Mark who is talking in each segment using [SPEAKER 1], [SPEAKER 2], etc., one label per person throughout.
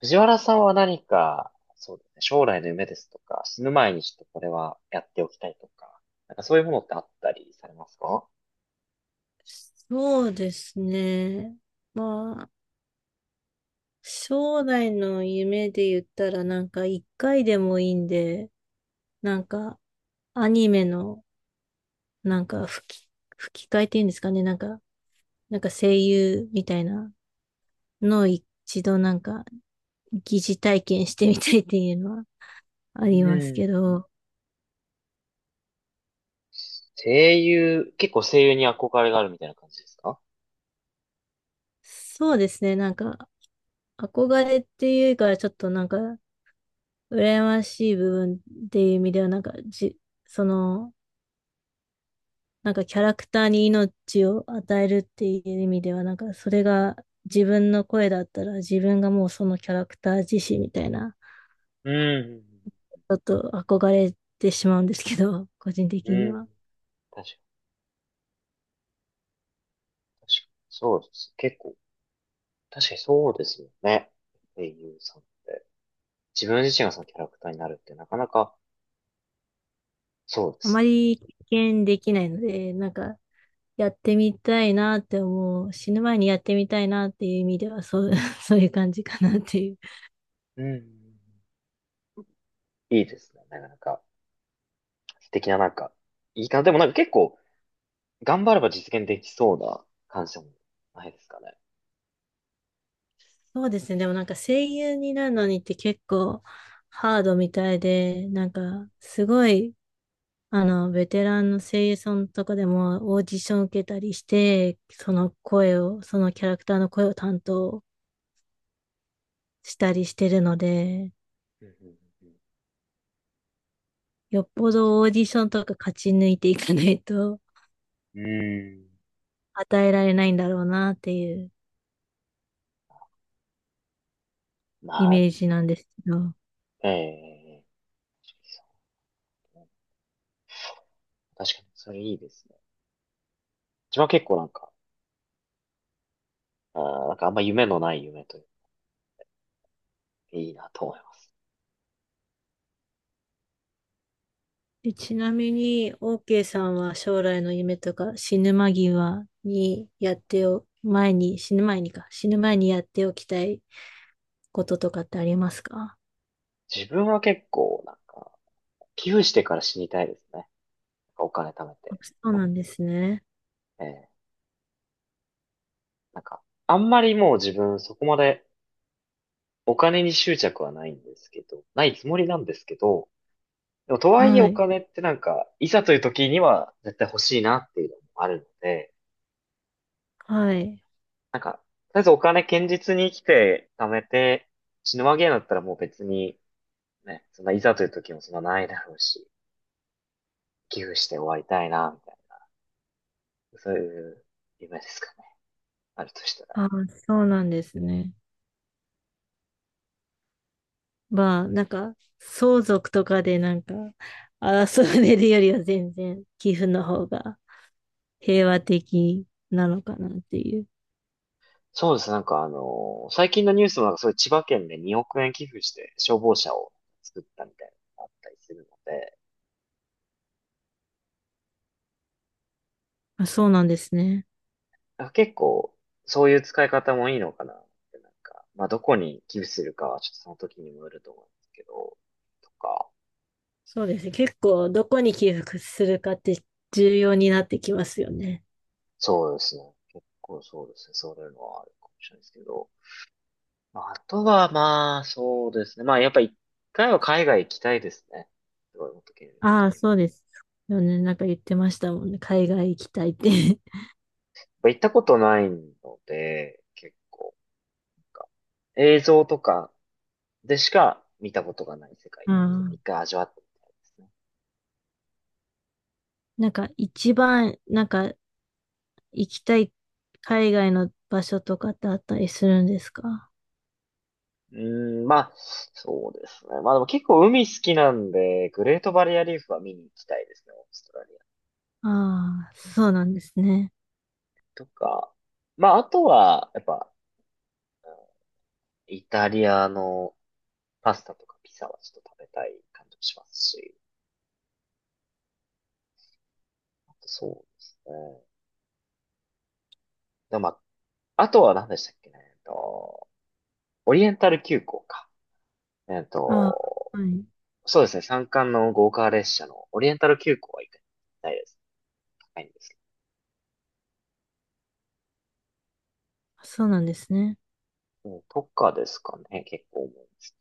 [SPEAKER 1] 藤原さんは何か、そうですね、将来の夢ですとか、死ぬ前にちょっとこれはやっておきたいとか、そういうものってあったりされますか？
[SPEAKER 2] そうですね。まあ、将来の夢で言ったら、なんか一回でもいいんで、なんかアニメの、なんか吹き、吹き替えっていうんですかね。声優みたいなのを一度疑似体験してみたいっていうのは
[SPEAKER 1] う
[SPEAKER 2] ありますけ
[SPEAKER 1] ん。
[SPEAKER 2] ど、
[SPEAKER 1] 声優、結構声優に憧れがあるみたいな感じですか？
[SPEAKER 2] そうですね。なんか憧れっていうか、ちょっとなんか羨ましい部分っていう意味では、なんかじ、その、なんかキャラクターに命を与えるっていう意味では、なんかそれが自分の声だったら自分がもうそのキャラクター自身みたいな、
[SPEAKER 1] うん。
[SPEAKER 2] ちょっと憧れてしまうんですけど、個人
[SPEAKER 1] う
[SPEAKER 2] 的には。
[SPEAKER 1] ん、確かに。そうです。結構、確かにそうですよね。声優さんって。自分自身がそのキャラクターになるってなかなか、そうで
[SPEAKER 2] あ
[SPEAKER 1] す
[SPEAKER 2] ま
[SPEAKER 1] ね。
[SPEAKER 2] り経験できないので、なんかやってみたいなって思う。死ぬ前にやってみたいなっていう意味では、そう、そういう感じかなっていう。
[SPEAKER 1] うん、いいですね。なかなか、素敵ないいかな。でも結構、頑張れば実現できそうな感謝もないですかね。
[SPEAKER 2] そうですね。でもなんか声優になるのにって結構ハードみたいで、なんかすごいベテランの声優さんとかでもオーディション受けたりして、その声を、そのキャラクターの声を担当したりしてるので、
[SPEAKER 1] うん
[SPEAKER 2] よっぽどオーディションとか勝ち抜いていかないと
[SPEAKER 1] うんうんうんうーん。
[SPEAKER 2] 与えられないんだろうなっていうイ
[SPEAKER 1] まあ、
[SPEAKER 2] メージなんですけど。
[SPEAKER 1] ええ、そうね、確かにそれいいですね。自分は結構あー、あんま夢のない夢というか、いいなと思います。
[SPEAKER 2] でちなみに、OK さんは将来の夢とか死ぬ間際にやってお、前に、死ぬ前にか、死ぬ前にやっておきたいこととかってありますか？
[SPEAKER 1] 自分は結構寄付してから死にたいですね。お金貯め
[SPEAKER 2] あ、
[SPEAKER 1] て。
[SPEAKER 2] そうなんですね。
[SPEAKER 1] ええ、なんか、あんまりもう自分そこまでお金に執着はないんですけど、ないつもりなんですけど、でもとはいえ
[SPEAKER 2] は
[SPEAKER 1] お
[SPEAKER 2] い。
[SPEAKER 1] 金っていざという時には絶対欲しいなっていうのもあるので、
[SPEAKER 2] はい。
[SPEAKER 1] とりあえずお金堅実に生きて貯めて、死ぬわけだったらもう別に、ね、そんないざという時もそんなないだろうし、寄付して終わりたいな、みたいな。そういう夢ですかね。あるとしたら。
[SPEAKER 2] ああ、そうなんですね。まあ、なんか、相続とかでなんか、争われるよりは全然、寄付の方が平和的なのかなっていう。
[SPEAKER 1] そうです。最近のニュースもそういう千葉県で2億円寄付して消防車を作ったみたいなのがあったりするので、
[SPEAKER 2] まあ、そうなんですね。
[SPEAKER 1] あ、結構、そういう使い方もいいのかなって、まあ、どこに寄付するかはちょっとその時にもよると思うんですけど、とか、
[SPEAKER 2] そうですね。結構、どこに寄付するかって重要になってきますよね。
[SPEAKER 1] そうですね。結構そうですね。そういうのはあるかもしれないですけど。まああとは、まあ、そうですね。まあ、やっぱ一回は海外行きたいですね。すごい、本当にいいね。
[SPEAKER 2] あ
[SPEAKER 1] やっ
[SPEAKER 2] あ、そうですよね、なんか言ってましたもんね。海外行きたいって。
[SPEAKER 1] ぱ行ったことないので、結構、なんか、映像とかでしか見たことがない世界っ
[SPEAKER 2] う
[SPEAKER 1] ていうのを一
[SPEAKER 2] ん。
[SPEAKER 1] 回味わってみたいですね。
[SPEAKER 2] なんか、一番、なんか、行きたい海外の場所とかってあったりするんですか？
[SPEAKER 1] うーん、まあ、そうですね。まあでも結構海好きなんで、グレートバリアリーフは見に行きたいですね、オーストラリア
[SPEAKER 2] ああ、そうなんですね。
[SPEAKER 1] とか。まあ、あとは、やっぱ、うん、イタリアのパスタとかピザはちょっと食べたい感じもしますし、あとそうですね。でもまあ、あとは何でしたっけね、オリエンタル急行か。えっ
[SPEAKER 2] ああ、
[SPEAKER 1] と、
[SPEAKER 2] はい。
[SPEAKER 1] そうですね、山間の豪華列車のオリエンタル急行は行きたいです。高いんですけ
[SPEAKER 2] そうなんですね。
[SPEAKER 1] ど、うんとかですかね、結構思うんです。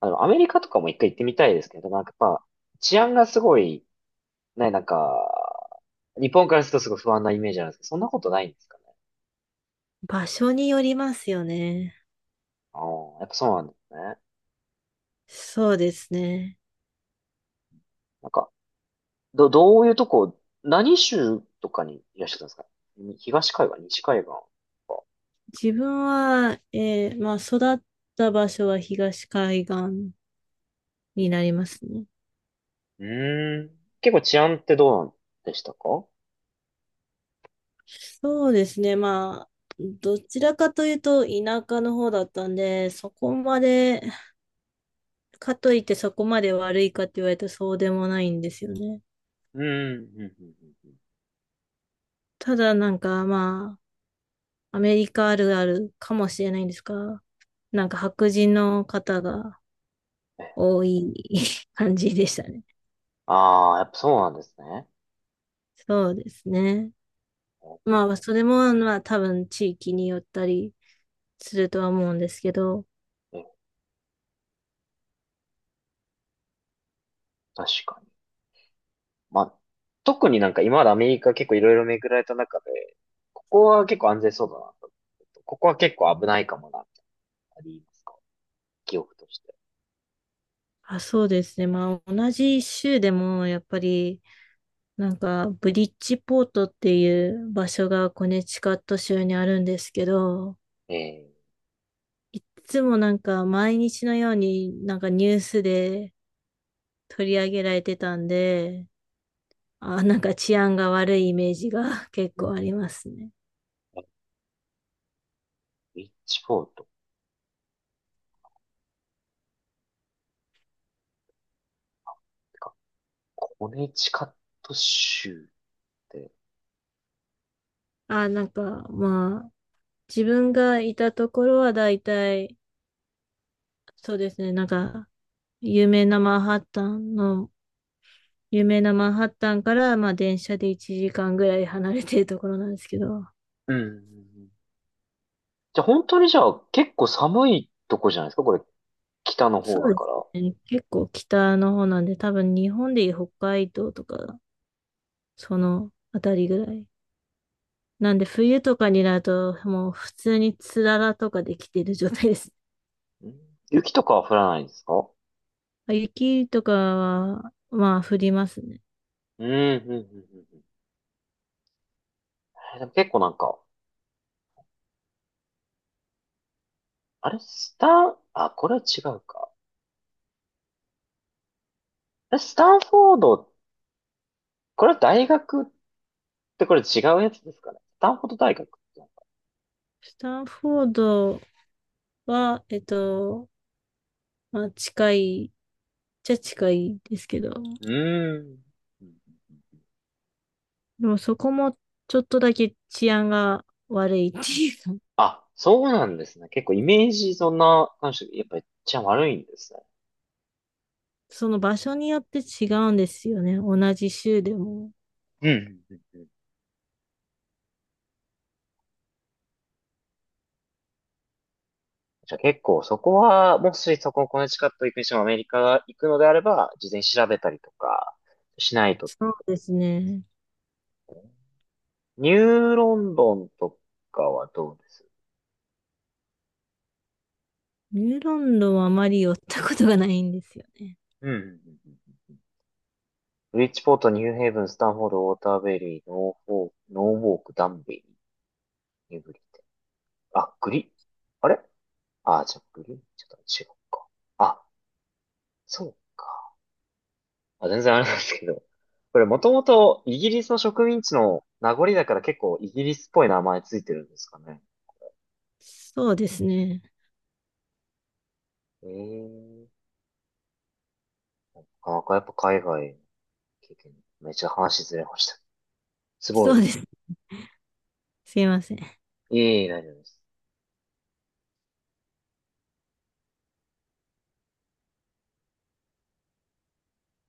[SPEAKER 1] あの、アメリカとかも一回行ってみたいですけど、やっぱ、治安がすごい、ね、日本からするとすごい不安なイメージなんですけど、そんなことないんですかね。
[SPEAKER 2] 場所によりますよね。
[SPEAKER 1] ああ、やっぱそうなんですね。
[SPEAKER 2] そうですね。
[SPEAKER 1] なんか、どういうとこ、何州とかにいらっしゃったんですか？に東海岸、西海岸とか。
[SPEAKER 2] 自分は、まあ、育った場所は東海岸
[SPEAKER 1] うん
[SPEAKER 2] になりますね。
[SPEAKER 1] うんうーん。結構治安ってどうなんでしたか？
[SPEAKER 2] そうですね。まあ、どちらかというと田舎の方だったんで、そこまで、かといってそこまで悪いかって言われたらそうでもないんですよね。
[SPEAKER 1] うん、うん、うん、うん。うん、
[SPEAKER 2] ただなんかまあ、アメリカあるあるかもしれないんですが、なんか白人の方が
[SPEAKER 1] え、
[SPEAKER 2] 多い 感じでしたね。
[SPEAKER 1] ああ、やっぱそうなんですね。
[SPEAKER 2] そうですね。まあ、それも、まあ、多分地域によったりするとは思うんですけど、
[SPEAKER 1] え、確かに。まあ、特に今までアメリカ結構いろいろ巡られた中で、ここは結構安全そうだなと。ここは結構危ないかもな、ってありますか、記憶として。
[SPEAKER 2] あ、そうですね。まあ、同じ州でも、やっぱり、なんか、ブリッジポートっていう場所がコネチカット州にあるんですけど、
[SPEAKER 1] え
[SPEAKER 2] いつもなんか、毎日のようになんかニュースで取り上げられてたんで、あ、なんか治安が悪いイメージが 結構ありますね。
[SPEAKER 1] ー、リッチフォードってか、コネチカット州って。
[SPEAKER 2] あ、なんか、まあ、自分がいたところはだいたい、そうですね、なんか、有名なマンハッタンの、有名なマンハッタンから、まあ、電車で1時間ぐらい離れてるところなんですけど、
[SPEAKER 1] うん。じゃあ本当にじゃあ結構寒いとこじゃないですかこれ、北の
[SPEAKER 2] そ
[SPEAKER 1] 方だ
[SPEAKER 2] うで
[SPEAKER 1] か
[SPEAKER 2] す
[SPEAKER 1] ら。
[SPEAKER 2] ね、結構北の方なんで、多分日本でいう北海道とか、そのあたりぐらい。なんで、冬とかになると、もう普通につららとかできてる状態です。
[SPEAKER 1] うん、雪とかは降らないんですか？
[SPEAKER 2] あ、雪とかは、まあ、降りますね。
[SPEAKER 1] うん、うん、うん、うん。うん、え、でも結構あれ、スタン、あ、これは違うか。あれ、スタンフォード、これは大学ってこれ違うやつですかね。スタンフォード大学ってなんか。
[SPEAKER 2] スタンフォードは、えっと、まあ、じゃ近いですけど、
[SPEAKER 1] うーん。
[SPEAKER 2] でもそこもちょっとだけ治安が悪いっていう
[SPEAKER 1] あ、そうなんですね。結構イメージそんな感じで、やっぱめっちゃ悪いんですね。
[SPEAKER 2] その場所によって違うんですよね。同じ州でも。
[SPEAKER 1] うんうんうんうん。じゃあ結構そこは、もしそこのコネチカット行くにしてもアメリカが行くのであれば、事前に調べたりとかしないと。
[SPEAKER 2] そうですね。
[SPEAKER 1] ニューロンドンとかはどうです？
[SPEAKER 2] ニューロンドンはあまり寄ったことがないんですよね。
[SPEAKER 1] うんうんうんうんうん。ブリッジポート、ニューヘイブン、スタンフォード、ウォーターベリー、ノーフォー、ノーウォーク、ダンベリー、ニューブリあ、グリ、あれあ、じゃあグリちょっと違うか。あ、そうか。あ、全然あれなんですけど。これもともとイギリスの植民地の名残だから結構イギリスっぽい名前ついてるんですかね。
[SPEAKER 2] そうですね。
[SPEAKER 1] ええ、なかなかやっぱ海外の経験、めっちゃ話ずれました。すご
[SPEAKER 2] そ
[SPEAKER 1] い
[SPEAKER 2] う
[SPEAKER 1] で
[SPEAKER 2] で
[SPEAKER 1] す。
[SPEAKER 2] す。すいません。
[SPEAKER 1] いえいえ、大丈夫です。